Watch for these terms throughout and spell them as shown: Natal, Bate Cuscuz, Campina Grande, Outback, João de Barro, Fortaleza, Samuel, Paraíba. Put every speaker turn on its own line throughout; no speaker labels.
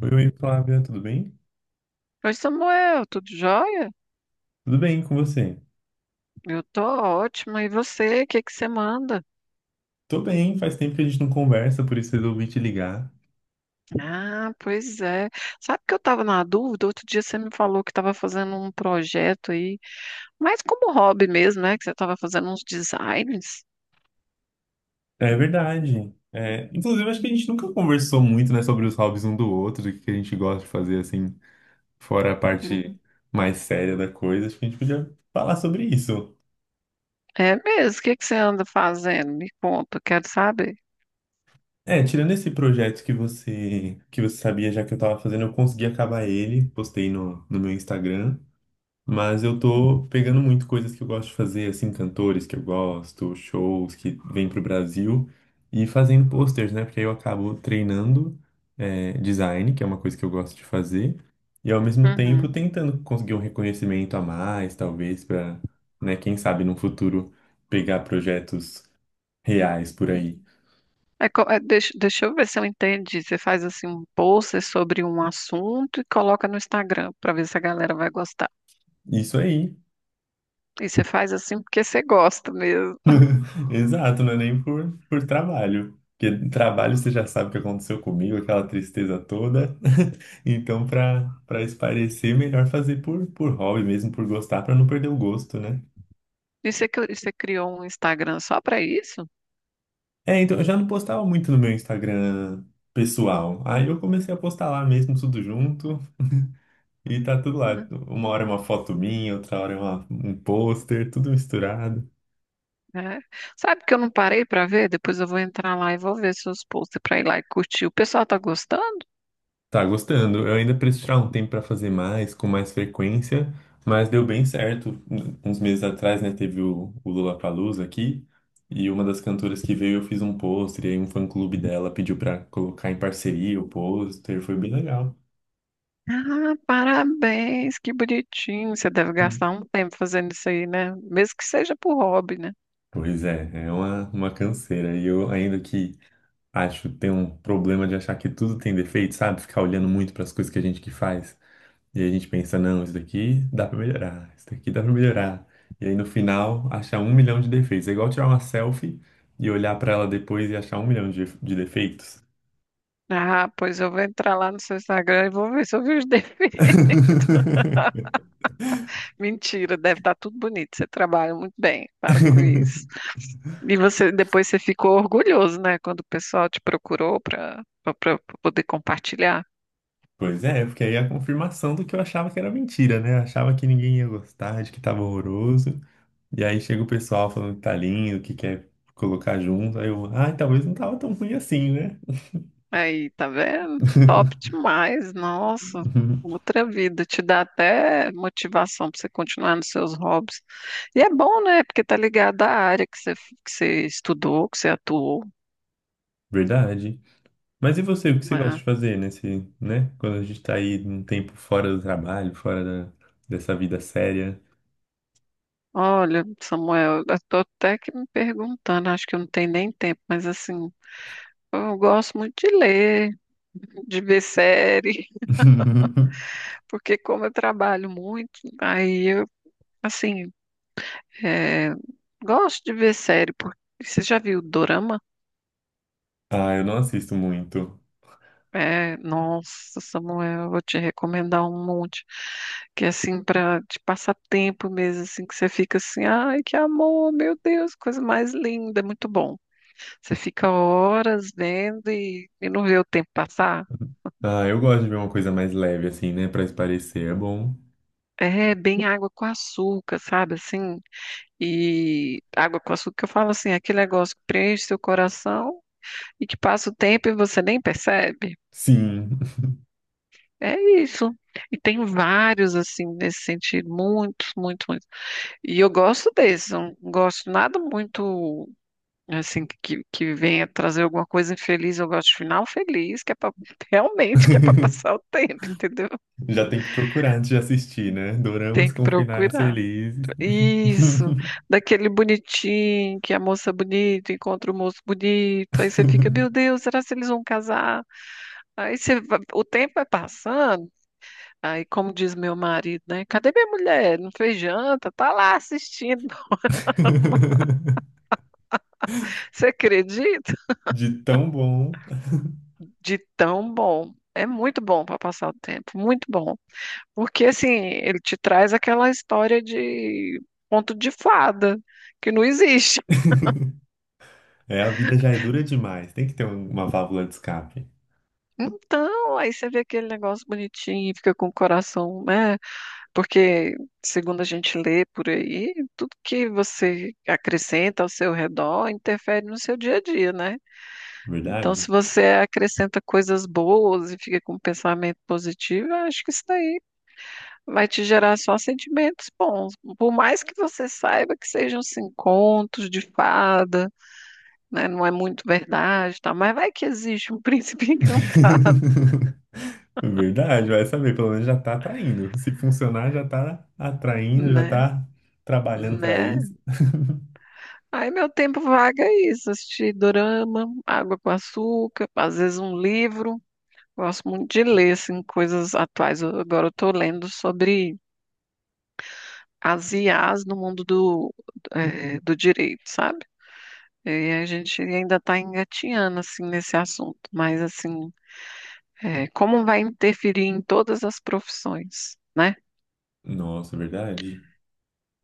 Oi, oi, Flávia, tudo bem?
Oi, Samuel, tudo jóia?
Tudo bem com você?
Eu tô ótima. E você, o que que você manda?
Tô bem, faz tempo que a gente não conversa, por isso resolvi te ligar.
Ah, pois é. Sabe que eu tava na dúvida? Outro dia você me falou que tava fazendo um projeto aí, mas como hobby mesmo, né? Que você tava fazendo uns designs.
É verdade. É, inclusive, acho que a gente nunca conversou muito, né, sobre os hobbies um do outro, o que a gente gosta de fazer, assim, fora a parte
Uhum.
mais séria da coisa. Acho que a gente podia falar sobre isso.
É mesmo? O que que você anda fazendo? Me conta, quero saber.
É, tirando esse projeto que você sabia já que eu tava fazendo, eu consegui acabar ele, postei no meu Instagram. Mas eu tô pegando muito coisas que eu gosto de fazer, assim, cantores que eu gosto, shows que vêm pro Brasil e fazendo posters, né? Porque aí eu acabo treinando é, design, que é uma coisa que eu gosto de fazer, e ao mesmo tempo
Uhum.
tentando conseguir um reconhecimento a mais, talvez, pra, né, quem sabe no futuro pegar projetos reais por aí.
É, deixa eu ver se eu entendi. Você faz assim um post sobre um assunto e coloca no Instagram para ver se a galera vai gostar.
Isso aí.
E você faz assim porque você gosta mesmo.
Exato, não é nem por trabalho. Porque trabalho você já sabe o que aconteceu comigo, aquela tristeza toda. Então, para esparecer melhor fazer por hobby mesmo, por gostar, para não perder o gosto, né?
E você, você criou um Instagram só para isso?
É, então eu já não postava muito no meu Instagram pessoal. Aí eu comecei a postar lá mesmo, tudo junto, e tá tudo lá. Uma hora é uma foto minha, outra hora é um pôster, tudo misturado.
Né? Sabe que eu não parei para ver? Depois eu vou entrar lá e vou ver seus posts para ir lá e curtir. O pessoal tá gostando?
Tá gostando. Eu ainda preciso tirar um tempo para fazer mais, com mais frequência, mas deu bem certo. Uns meses atrás, né, teve o Lollapalooza aqui, e uma das cantoras que veio eu fiz um pôster, e aí um fã-clube dela pediu para colocar em parceria o pôster, foi bem legal.
Ah, parabéns, que bonitinho. Você deve
Hum.
gastar um tempo fazendo isso aí, né? Mesmo que seja por hobby, né?
Pois é, é uma canseira. E eu, ainda que acho, tem um problema de achar que tudo tem defeito, sabe? Ficar olhando muito para as coisas que a gente que faz. E aí a gente pensa, não, isso daqui dá pra melhorar, isso daqui dá pra melhorar. E aí no final, achar um milhão de defeitos. É igual tirar uma selfie e olhar pra ela depois e achar um milhão de defeitos.
Ah, pois eu vou entrar lá no seu Instagram e vou ver se eu vi os defeitos. Mentira, deve estar tudo bonito. Você trabalha muito bem, para com isso. E você depois você ficou orgulhoso, né? Quando o pessoal te procurou para para poder compartilhar.
Pois é, porque aí é a confirmação do que eu achava que era mentira, né? Eu achava que ninguém ia gostar, de que tava horroroso. E aí chega o pessoal falando que tá lindo, que quer colocar junto. Aí eu, ai, talvez não tava tão ruim assim, né?
Aí, tá vendo? Top demais, nossa. Outra vida, te dá até motivação para você continuar nos seus hobbies. E é bom, né? Porque tá ligado à área que você estudou, que você atuou,
Verdade. Mas e você, o que você gosta
né?
de fazer nesse, né? Quando a gente tá aí um tempo fora do trabalho, fora da, dessa vida séria.
Olha, Samuel, eu tô até que me perguntando, acho que eu não tenho nem tempo, mas assim, eu gosto muito de ler, de ver série, porque como eu trabalho muito, aí eu, assim, é, gosto de ver série, porque você já viu Dorama?
Ah, eu não assisto muito.
É, nossa, Samuel, eu vou te recomendar um monte, que é assim, para te passar tempo mesmo, assim, que você fica assim, ai, que amor, meu Deus, coisa mais linda, muito bom. Você fica horas vendo e não vê o tempo passar.
Ah, eu gosto de ver uma coisa mais leve, assim, né? Pra espairecer, é bom.
É bem água com açúcar, sabe assim? E água com açúcar, eu falo assim, aquele negócio que preenche seu coração e que passa o tempo e você nem percebe.
Sim.
É isso. E tem vários, assim, nesse sentido, muitos, muitos, muitos. E eu gosto desse, não gosto nada muito, assim, que venha trazer alguma coisa infeliz. Eu gosto de final feliz, que é pra, realmente que é para passar o tempo, entendeu?
Já tem que procurar antes de assistir, né? Doramas
Tem que
com finais
procurar.
felizes.
Isso, daquele bonitinho, que a moça é bonita encontra o moço bonito, aí você fica, meu Deus, será que eles vão casar? Aí você, o tempo vai passando, aí como diz meu marido, né? Cadê minha mulher? Não fez janta, tá lá assistindo. Você acredita?
De tão bom.
De tão bom. É muito bom para passar o tempo, muito bom. Porque assim, ele te traz aquela história de conto de fada, que não existe.
É, a vida já é dura demais. Tem que ter uma válvula de escape,
Então, aí você vê aquele negócio bonitinho e fica com o coração, né? Porque, segundo a gente lê por aí, tudo que você acrescenta ao seu redor interfere no seu dia a dia, né? Então,
verdade?
se você acrescenta coisas boas e fica com um pensamento positivo, eu acho que isso daí vai te gerar só sentimentos bons. Por mais que você saiba que sejam assim, contos de fada, né? Não é muito verdade, tá? Mas vai que existe um príncipe encantado,
Verdade, vai saber, pelo menos já tá atraindo. Se funcionar, já tá atraindo, já
né?
tá trabalhando para
Né?
isso.
Aí meu tempo vago é isso, assistir dorama, água com açúcar, às vezes um livro. Gosto muito de ler, assim, coisas atuais. Agora eu estou lendo sobre as IAs no mundo do, do direito, sabe? E a gente ainda está engatinhando, assim, nesse assunto. Mas, assim, como vai interferir em todas as profissões, né?
Nossa, verdade.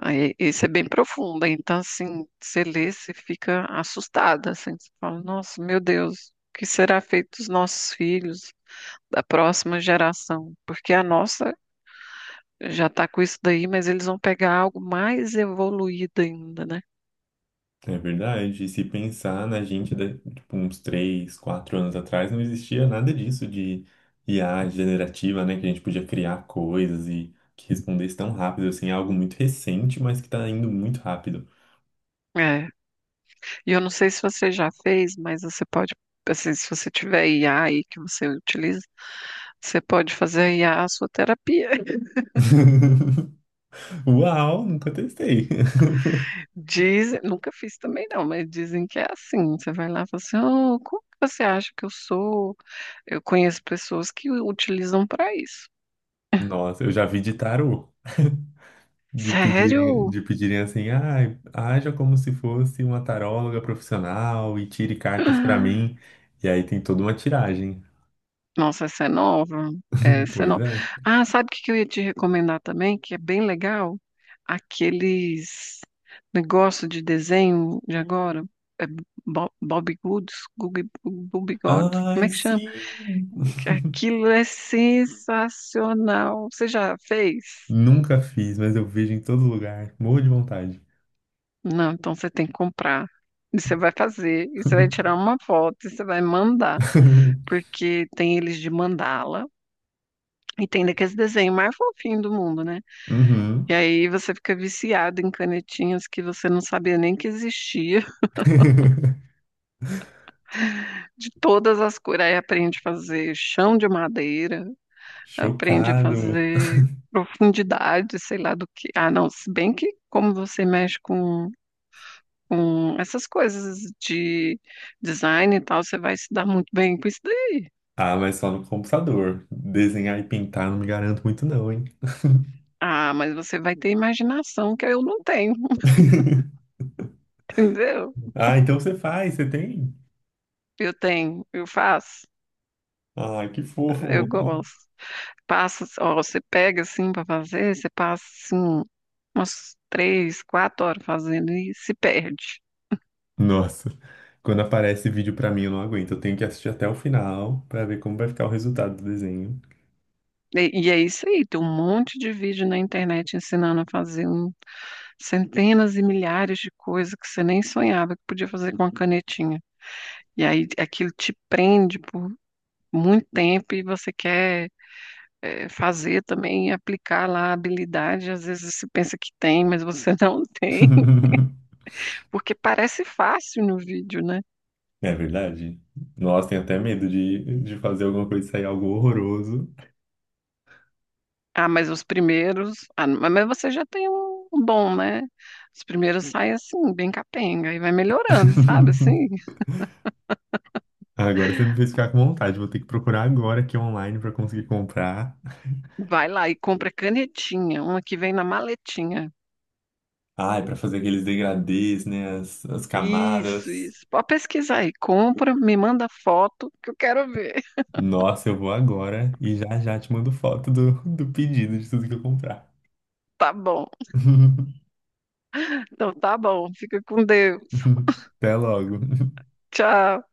Aí, isso é bem profundo, então assim, você lê, você fica assustada, assim, você fala, nossa, meu Deus, o que será feito dos nossos filhos, da próxima geração? Porque a nossa já está com isso daí, mas eles vão pegar algo mais evoluído ainda, né?
É verdade. E se pensar na gente, da, tipo, uns 3, 4 anos atrás, não existia nada disso de IA generativa, né? Que a gente podia criar coisas e que respondesse tão rápido, assim, é algo muito recente, mas que tá indo muito rápido.
É. E eu não sei se você já fez, mas você pode, assim, se você tiver IA aí que você utiliza, você pode fazer a IA a sua terapia.
Uau, nunca testei.
Dizem, nunca fiz também não, mas dizem que é assim. Você vai lá e fala assim, "Ah, como que você acha que eu sou? Eu conheço pessoas que utilizam para isso.
Nossa, eu já vi de tarô. De
Sério?
pedirem, de pedirem assim, ah, haja como se fosse uma taróloga profissional e tire cartas pra mim. E aí tem toda uma tiragem.
Nossa, essa é nova. Essa é
Pois
nova.
é.
Ah, sabe o que que eu ia te recomendar também, que é bem legal? Aqueles negócio de desenho de agora. É Bob Goods, Bob God, como
Ai,
é que chama?
sim!
Aquilo é sensacional. Você já fez?
Nunca fiz, mas eu vejo em todo lugar. Morro de vontade.
Não, então você tem que comprar. E você vai fazer, e você vai tirar uma foto, e você vai mandar, porque tem eles de mandala, e tem daqueles desenhos mais fofinhos do mundo, né?
Uhum.
E aí você fica viciado em canetinhas que você não sabia nem que existia, de todas as cores. Aí aprende a fazer chão de madeira, aprende a
Chocado.
fazer profundidade, sei lá do que. Ah, não, se bem que como você mexe com. Com essas coisas de design e tal, você vai se dar muito bem com isso.
Ah, mas só no computador. Desenhar e pintar não me garanto muito, não, hein?
Ah, mas você vai ter imaginação que eu não tenho, entendeu?
Ah, então você faz, você tem?
Eu tenho, eu faço,
Ah, que
eu
fofo.
gosto. Passa, ó, você pega assim para fazer, você passa assim umas três, quatro horas fazendo e se perde.
Nossa, quando aparece vídeo pra mim eu não aguento. Eu tenho que assistir até o final pra ver como vai ficar o resultado do desenho.
E é isso aí, tem um monte de vídeo na internet ensinando a fazer centenas e milhares de coisas que você nem sonhava que podia fazer com a canetinha. E aí aquilo te prende por muito tempo e você quer fazer também, aplicar lá a habilidade. Às vezes você pensa que tem, mas você não tem, porque parece fácil no vídeo, né?
É verdade. Nossa, tenho até medo de fazer alguma coisa e sair algo horroroso.
Ah, mas os primeiros. Ah, mas você já tem um bom, né? Os primeiros saem assim, bem capenga, e vai melhorando, sabe? Assim,
Agora você me fez ficar com vontade. Vou ter que procurar agora aqui online pra conseguir comprar.
vai lá e compra canetinha, uma que vem na maletinha.
Ai, pra fazer aqueles degradês, né? As
Isso,
camadas.
isso. Pode pesquisar aí. Compra, me manda foto que eu quero ver.
Nossa, eu vou agora e já já te mando foto do pedido de tudo que eu comprar.
Tá bom. Então tá bom. Fica com Deus.
Até logo.
Tchau.